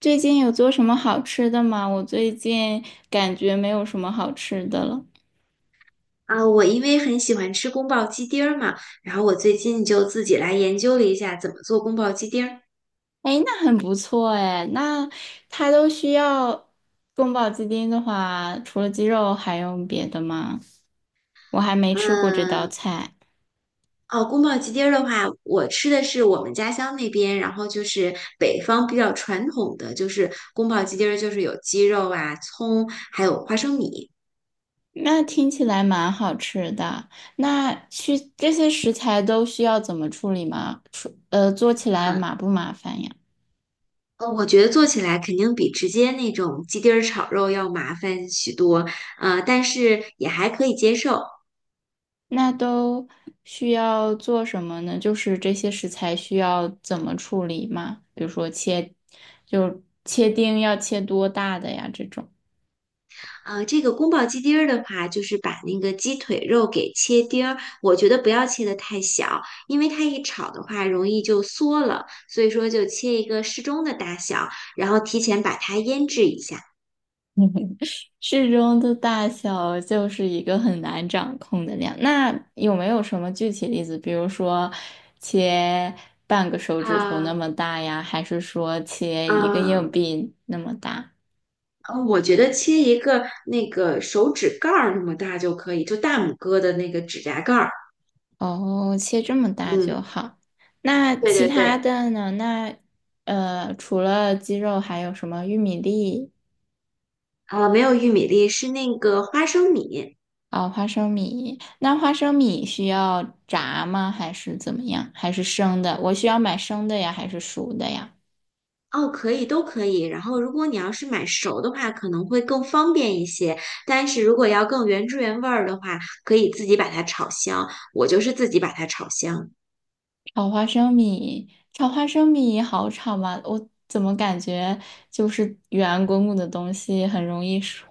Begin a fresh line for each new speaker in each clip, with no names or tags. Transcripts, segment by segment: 最近有做什么好吃的吗？我最近感觉没有什么好吃的了。
啊，我因为很喜欢吃宫保鸡丁儿嘛，然后我最近就自己来研究了一下怎么做宫保鸡丁儿。
哎，那很不错哎。那它都需要宫保鸡丁的话，除了鸡肉还用别的吗？我还没吃过这道
嗯，
菜。
哦，宫保鸡丁儿的话，我吃的是我们家乡那边，然后就是北方比较传统的，就是宫保鸡丁儿就是有鸡肉啊、葱，还有花生米。
那听起来蛮好吃的。那需这些食材都需要怎么处理吗？做起来
嗯，
麻不麻烦呀？
我觉得做起来肯定比直接那种鸡丁儿炒肉要麻烦许多，但是也还可以接受。
那都需要做什么呢？就是这些食材需要怎么处理吗？比如说切，就切丁要切多大的呀？这种。
这个宫保鸡丁儿的话，就是把那个鸡腿肉给切丁儿，我觉得不要切得太小，因为它一炒的话容易就缩了，所以说就切一个适中的大小，然后提前把它腌制一下。
适中的大小就是一个很难掌控的量。那有没有什么具体例子？比如说切半个手指头那
啊
么大呀，还是说切一个
啊，
硬币那么大？
我觉得切一个那个手指盖儿那么大就可以，就大拇哥的那个指甲盖儿。
哦，切这么大就
嗯，
好。那
对
其
对
他
对，
的呢？除了鸡肉，还有什么玉米粒？
啊，没有玉米粒，是那个花生米。
哦，花生米。那花生米需要炸吗？还是怎么样？还是生的？我需要买生的呀，还是熟的呀？
哦，可以，都可以。然后，如果你要是买熟的话，可能会更方便一些。但是如果要更原汁原味儿的话，可以自己把它炒香。我就是自己把它炒香。
炒花生米，炒花生米好炒吗？我怎么感觉就是圆滚滚的东西很容易熟？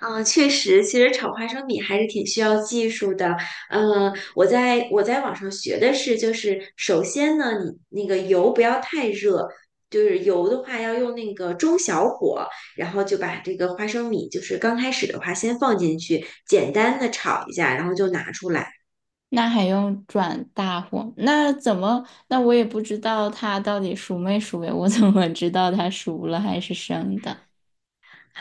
嗯，确实，其实炒花生米还是挺需要技术的。嗯，我在网上学的是，就是首先呢，你那个油不要太热。就是油的话，要用那个中小火，然后就把这个花生米，就是刚开始的话，先放进去，简单的炒一下，然后就拿出来。
那还用转大火？那怎么？那我也不知道它到底熟没熟呀？我怎么知道它熟了还是生的？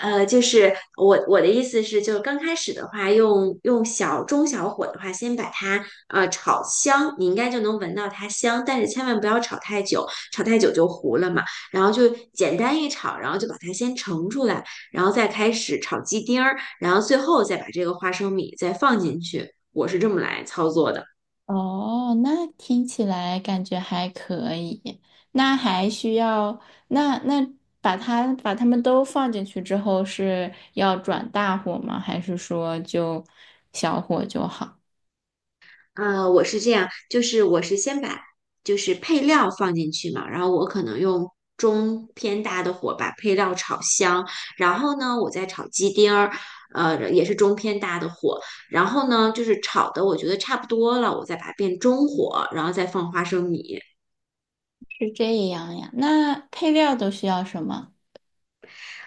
就是我的意思是，就是刚开始的话，用小中小火的话，先把它炒香，你应该就能闻到它香，但是千万不要炒太久，炒太久就糊了嘛。然后就简单一炒，然后就把它先盛出来，然后再开始炒鸡丁儿，然后最后再把这个花生米再放进去。我是这么来操作的。
哦，那听起来感觉还可以。那还需要，那把它们都放进去之后是要转大火吗？还是说就小火就好？
我是这样，就是我是先把就是配料放进去嘛，然后我可能用中偏大的火把配料炒香，然后呢，我再炒鸡丁儿，也是中偏大的火，然后呢，就是炒的我觉得差不多了，我再把它变中火，然后再放花生米。
是这样呀？那配料都需要什么？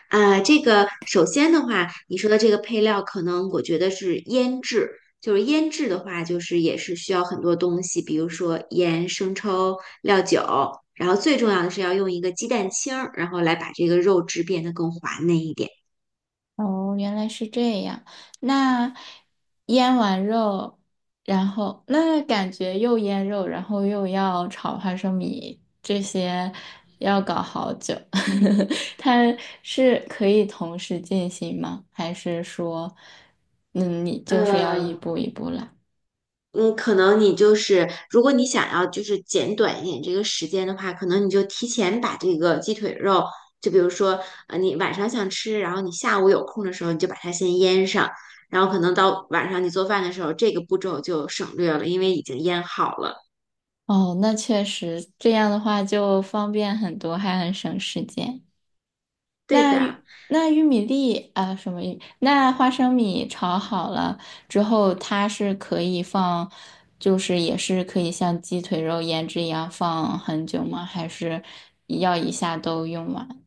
啊，这个首先的话，你说的这个配料，可能我觉得是腌制，就是腌制的话，就是也是需要很多东西，比如说盐、生抽、料酒，然后最重要的是要用一个鸡蛋清儿，然后来把这个肉质变得更滑嫩一点。
哦，原来是这样。那腌完肉，然后那感觉又腌肉，然后又要炒花生米，这些要搞好久。它是可以同时进行吗？还是说，嗯，你就是要一
嗯。
步一步来？
嗯，可能你就是，如果你想要就是减短一点这个时间的话，可能你就提前把这个鸡腿肉，就比如说，你晚上想吃，然后你下午有空的时候，你就把它先腌上，然后可能到晚上你做饭的时候，这个步骤就省略了，因为已经腌好了。
哦，那确实，这样的话就方便很多，还很省时间。
对
那
的，
玉那玉米粒啊，什么玉？那花生米炒好了之后，它是可以放，就是也是可以像鸡腿肉腌制一样放很久吗？还是要一下都用完？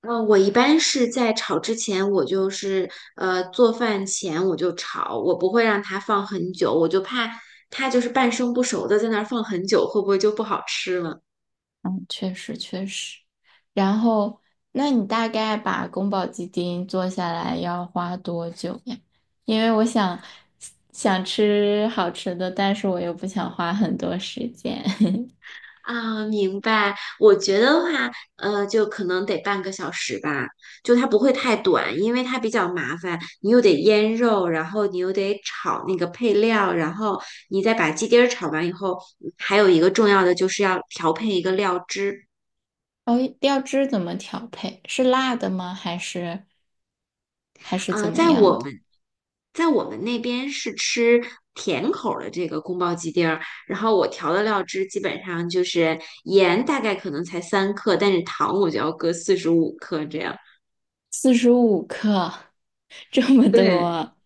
嗯，我一般是在炒之前，我就是做饭前我就炒，我不会让它放很久，我就怕它就是半生不熟的在那儿放很久，会不会就不好吃了？
嗯，确实确实。然后，那你大概把宫保鸡丁做下来要花多久呀？因为我想吃好吃的，但是我又不想花很多时间。
啊，明白。我觉得的话，就可能得半个小时吧，就它不会太短，因为它比较麻烦，你又得腌肉，然后你又得炒那个配料，然后你再把鸡丁儿炒完以后，还有一个重要的就是要调配一个料汁。
哦，料汁怎么调配？是辣的吗？还是怎
啊，
么样的？
在我们那边是吃甜口儿的这个宫保鸡丁儿，然后我调的料汁基本上就是盐大概可能才3克，但是糖我就要搁45克这样。
45克，这么
对。
多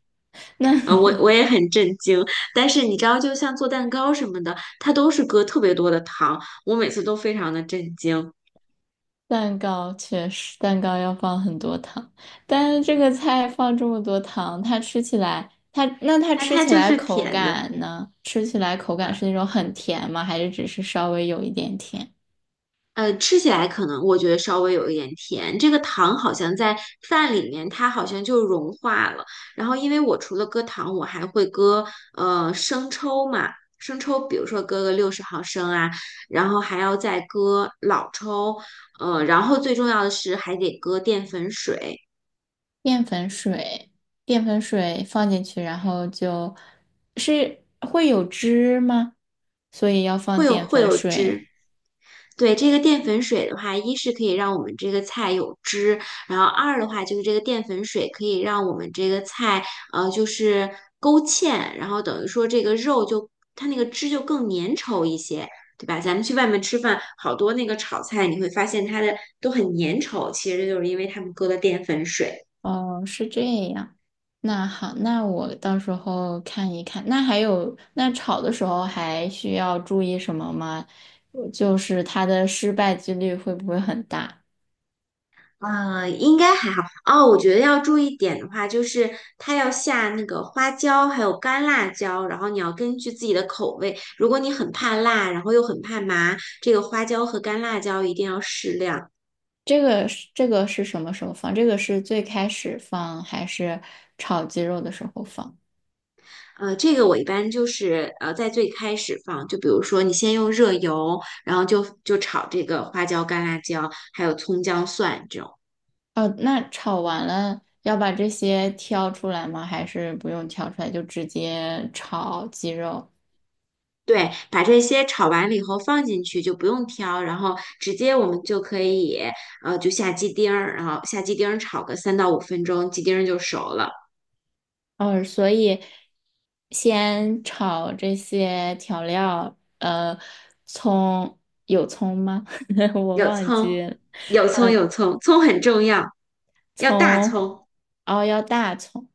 我也很震惊，但是你知道，就像做蛋糕什么的，它都是搁特别多的糖，我每次都非常的震惊。
蛋糕，确实蛋糕要放很多糖，但是这个菜放这么多糖，它吃起来，它那它
它
吃
它
起
就
来
是
口
甜的，
感呢？吃起来口
呃
感是那种很甜吗？还是只是稍微有一点甜？
吃起来可能我觉得稍微有一点甜。这个糖好像在饭里面，它好像就融化了。然后因为我除了搁糖，我还会搁生抽嘛，生抽比如说搁个60毫升啊，然后还要再搁老抽，然后最重要的是还得搁淀粉水。
淀粉水，淀粉水放进去，然后就是会有汁吗？所以要
会
放
有
淀
会
粉
有
水。
汁。对，这个淀粉水的话，一是可以让我们这个菜有汁，然后二的话就是这个淀粉水可以让我们这个菜就是勾芡，然后等于说这个肉就它那个汁就更粘稠一些，对吧？咱们去外面吃饭，好多那个炒菜你会发现它的都很粘稠，其实就是因为他们搁了淀粉水。
哦，是这样。那好，那我到时候看一看。那还有，那炒的时候还需要注意什么吗？就是它的失败几率会不会很大？
应该还好哦。我觉得要注意点的话，就是它要下那个花椒，还有干辣椒，然后你要根据自己的口味。如果你很怕辣，然后又很怕麻，这个花椒和干辣椒一定要适量。
这个是什么时候放？这个是最开始放还是炒鸡肉的时候放？
这个我一般就是在最开始放，就比如说你先用热油，然后就炒这个花椒、干辣椒，还有葱姜蒜这种。
哦，那炒完了要把这些挑出来吗？还是不用挑出来就直接炒鸡肉？
对，把这些炒完了以后放进去就不用挑，然后直接我们就可以就下鸡丁儿，然后下鸡丁儿炒个3到5分钟，鸡丁儿就熟了。
哦，所以先炒这些调料，葱有葱吗？我
有
忘
葱，
记了，
有葱，有葱，葱很重要，要大
葱，
葱。
哦，要大葱，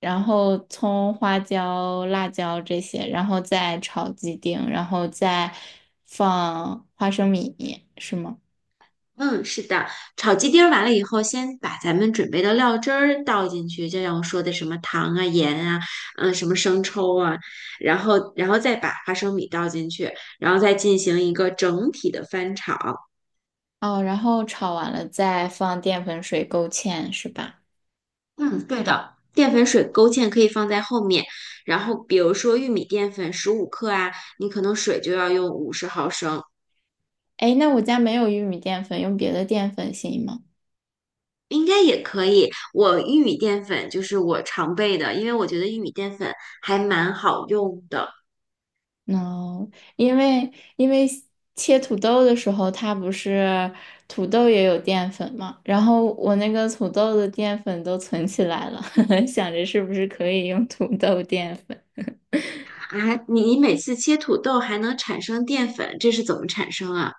然后葱、花椒、辣椒这些，然后再炒鸡丁，然后再放花生米，是吗？
嗯，是的，炒鸡丁儿完了以后，先把咱们准备的料汁儿倒进去，就像我说的什么糖啊、盐啊，嗯，什么生抽啊，然后再把花生米倒进去，然后再进行一个整体的翻炒。
哦，然后炒完了再放淀粉水勾芡，是吧？
嗯，对的，淀粉水勾芡可以放在后面，然后比如说玉米淀粉十五克啊，你可能水就要用50毫升。
哎，那我家没有玉米淀粉，用别的淀粉行吗？
应该也可以。我玉米淀粉就是我常备的，因为我觉得玉米淀粉还蛮好用的。
no，因为因为切土豆的时候，它不是土豆也有淀粉嘛，然后我那个土豆的淀粉都存起来了，想着是不是可以用土豆淀粉。
啊。你每次切土豆还能产生淀粉，这是怎么产生啊？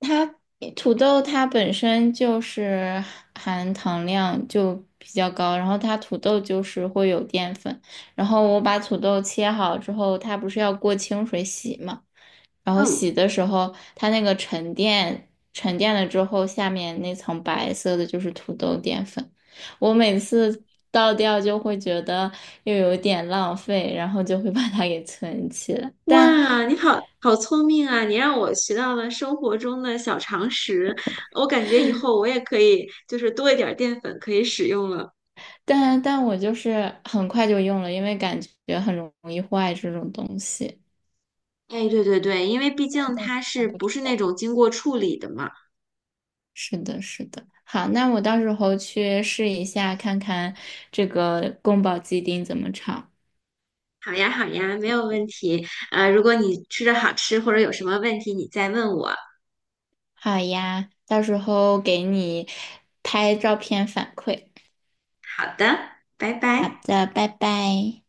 它土豆它本身就是含糖量就比较高，然后它土豆就是会有淀粉，然后我把土豆切好之后，它不是要过清水洗嘛？然后
嗯，
洗的时候，它那个沉淀沉淀了之后，下面那层白色的就是土豆淀粉。我每次倒掉就会觉得又有点浪费，然后就会把它给存起来。但
哇，你好好聪明啊！你让我学到了生活中的小常识，我感觉以后我也可以就是多一点儿淀粉可以使用了。
但但我就是很快就用了，因为感觉很容易坏这种东西。
哎，对对对，因为毕
但
竟
但
它
但
是
不
不
知
是那
道。
种经过处理的嘛？
是的，是的。好，那我到时候去试一下，看看这个宫保鸡丁怎么炒。
好呀，好呀，没有问题。如果你吃着好吃或者有什么问题，你再问我。
好呀，到时候给你拍照片反馈。
好的，拜
好
拜。
的，拜拜。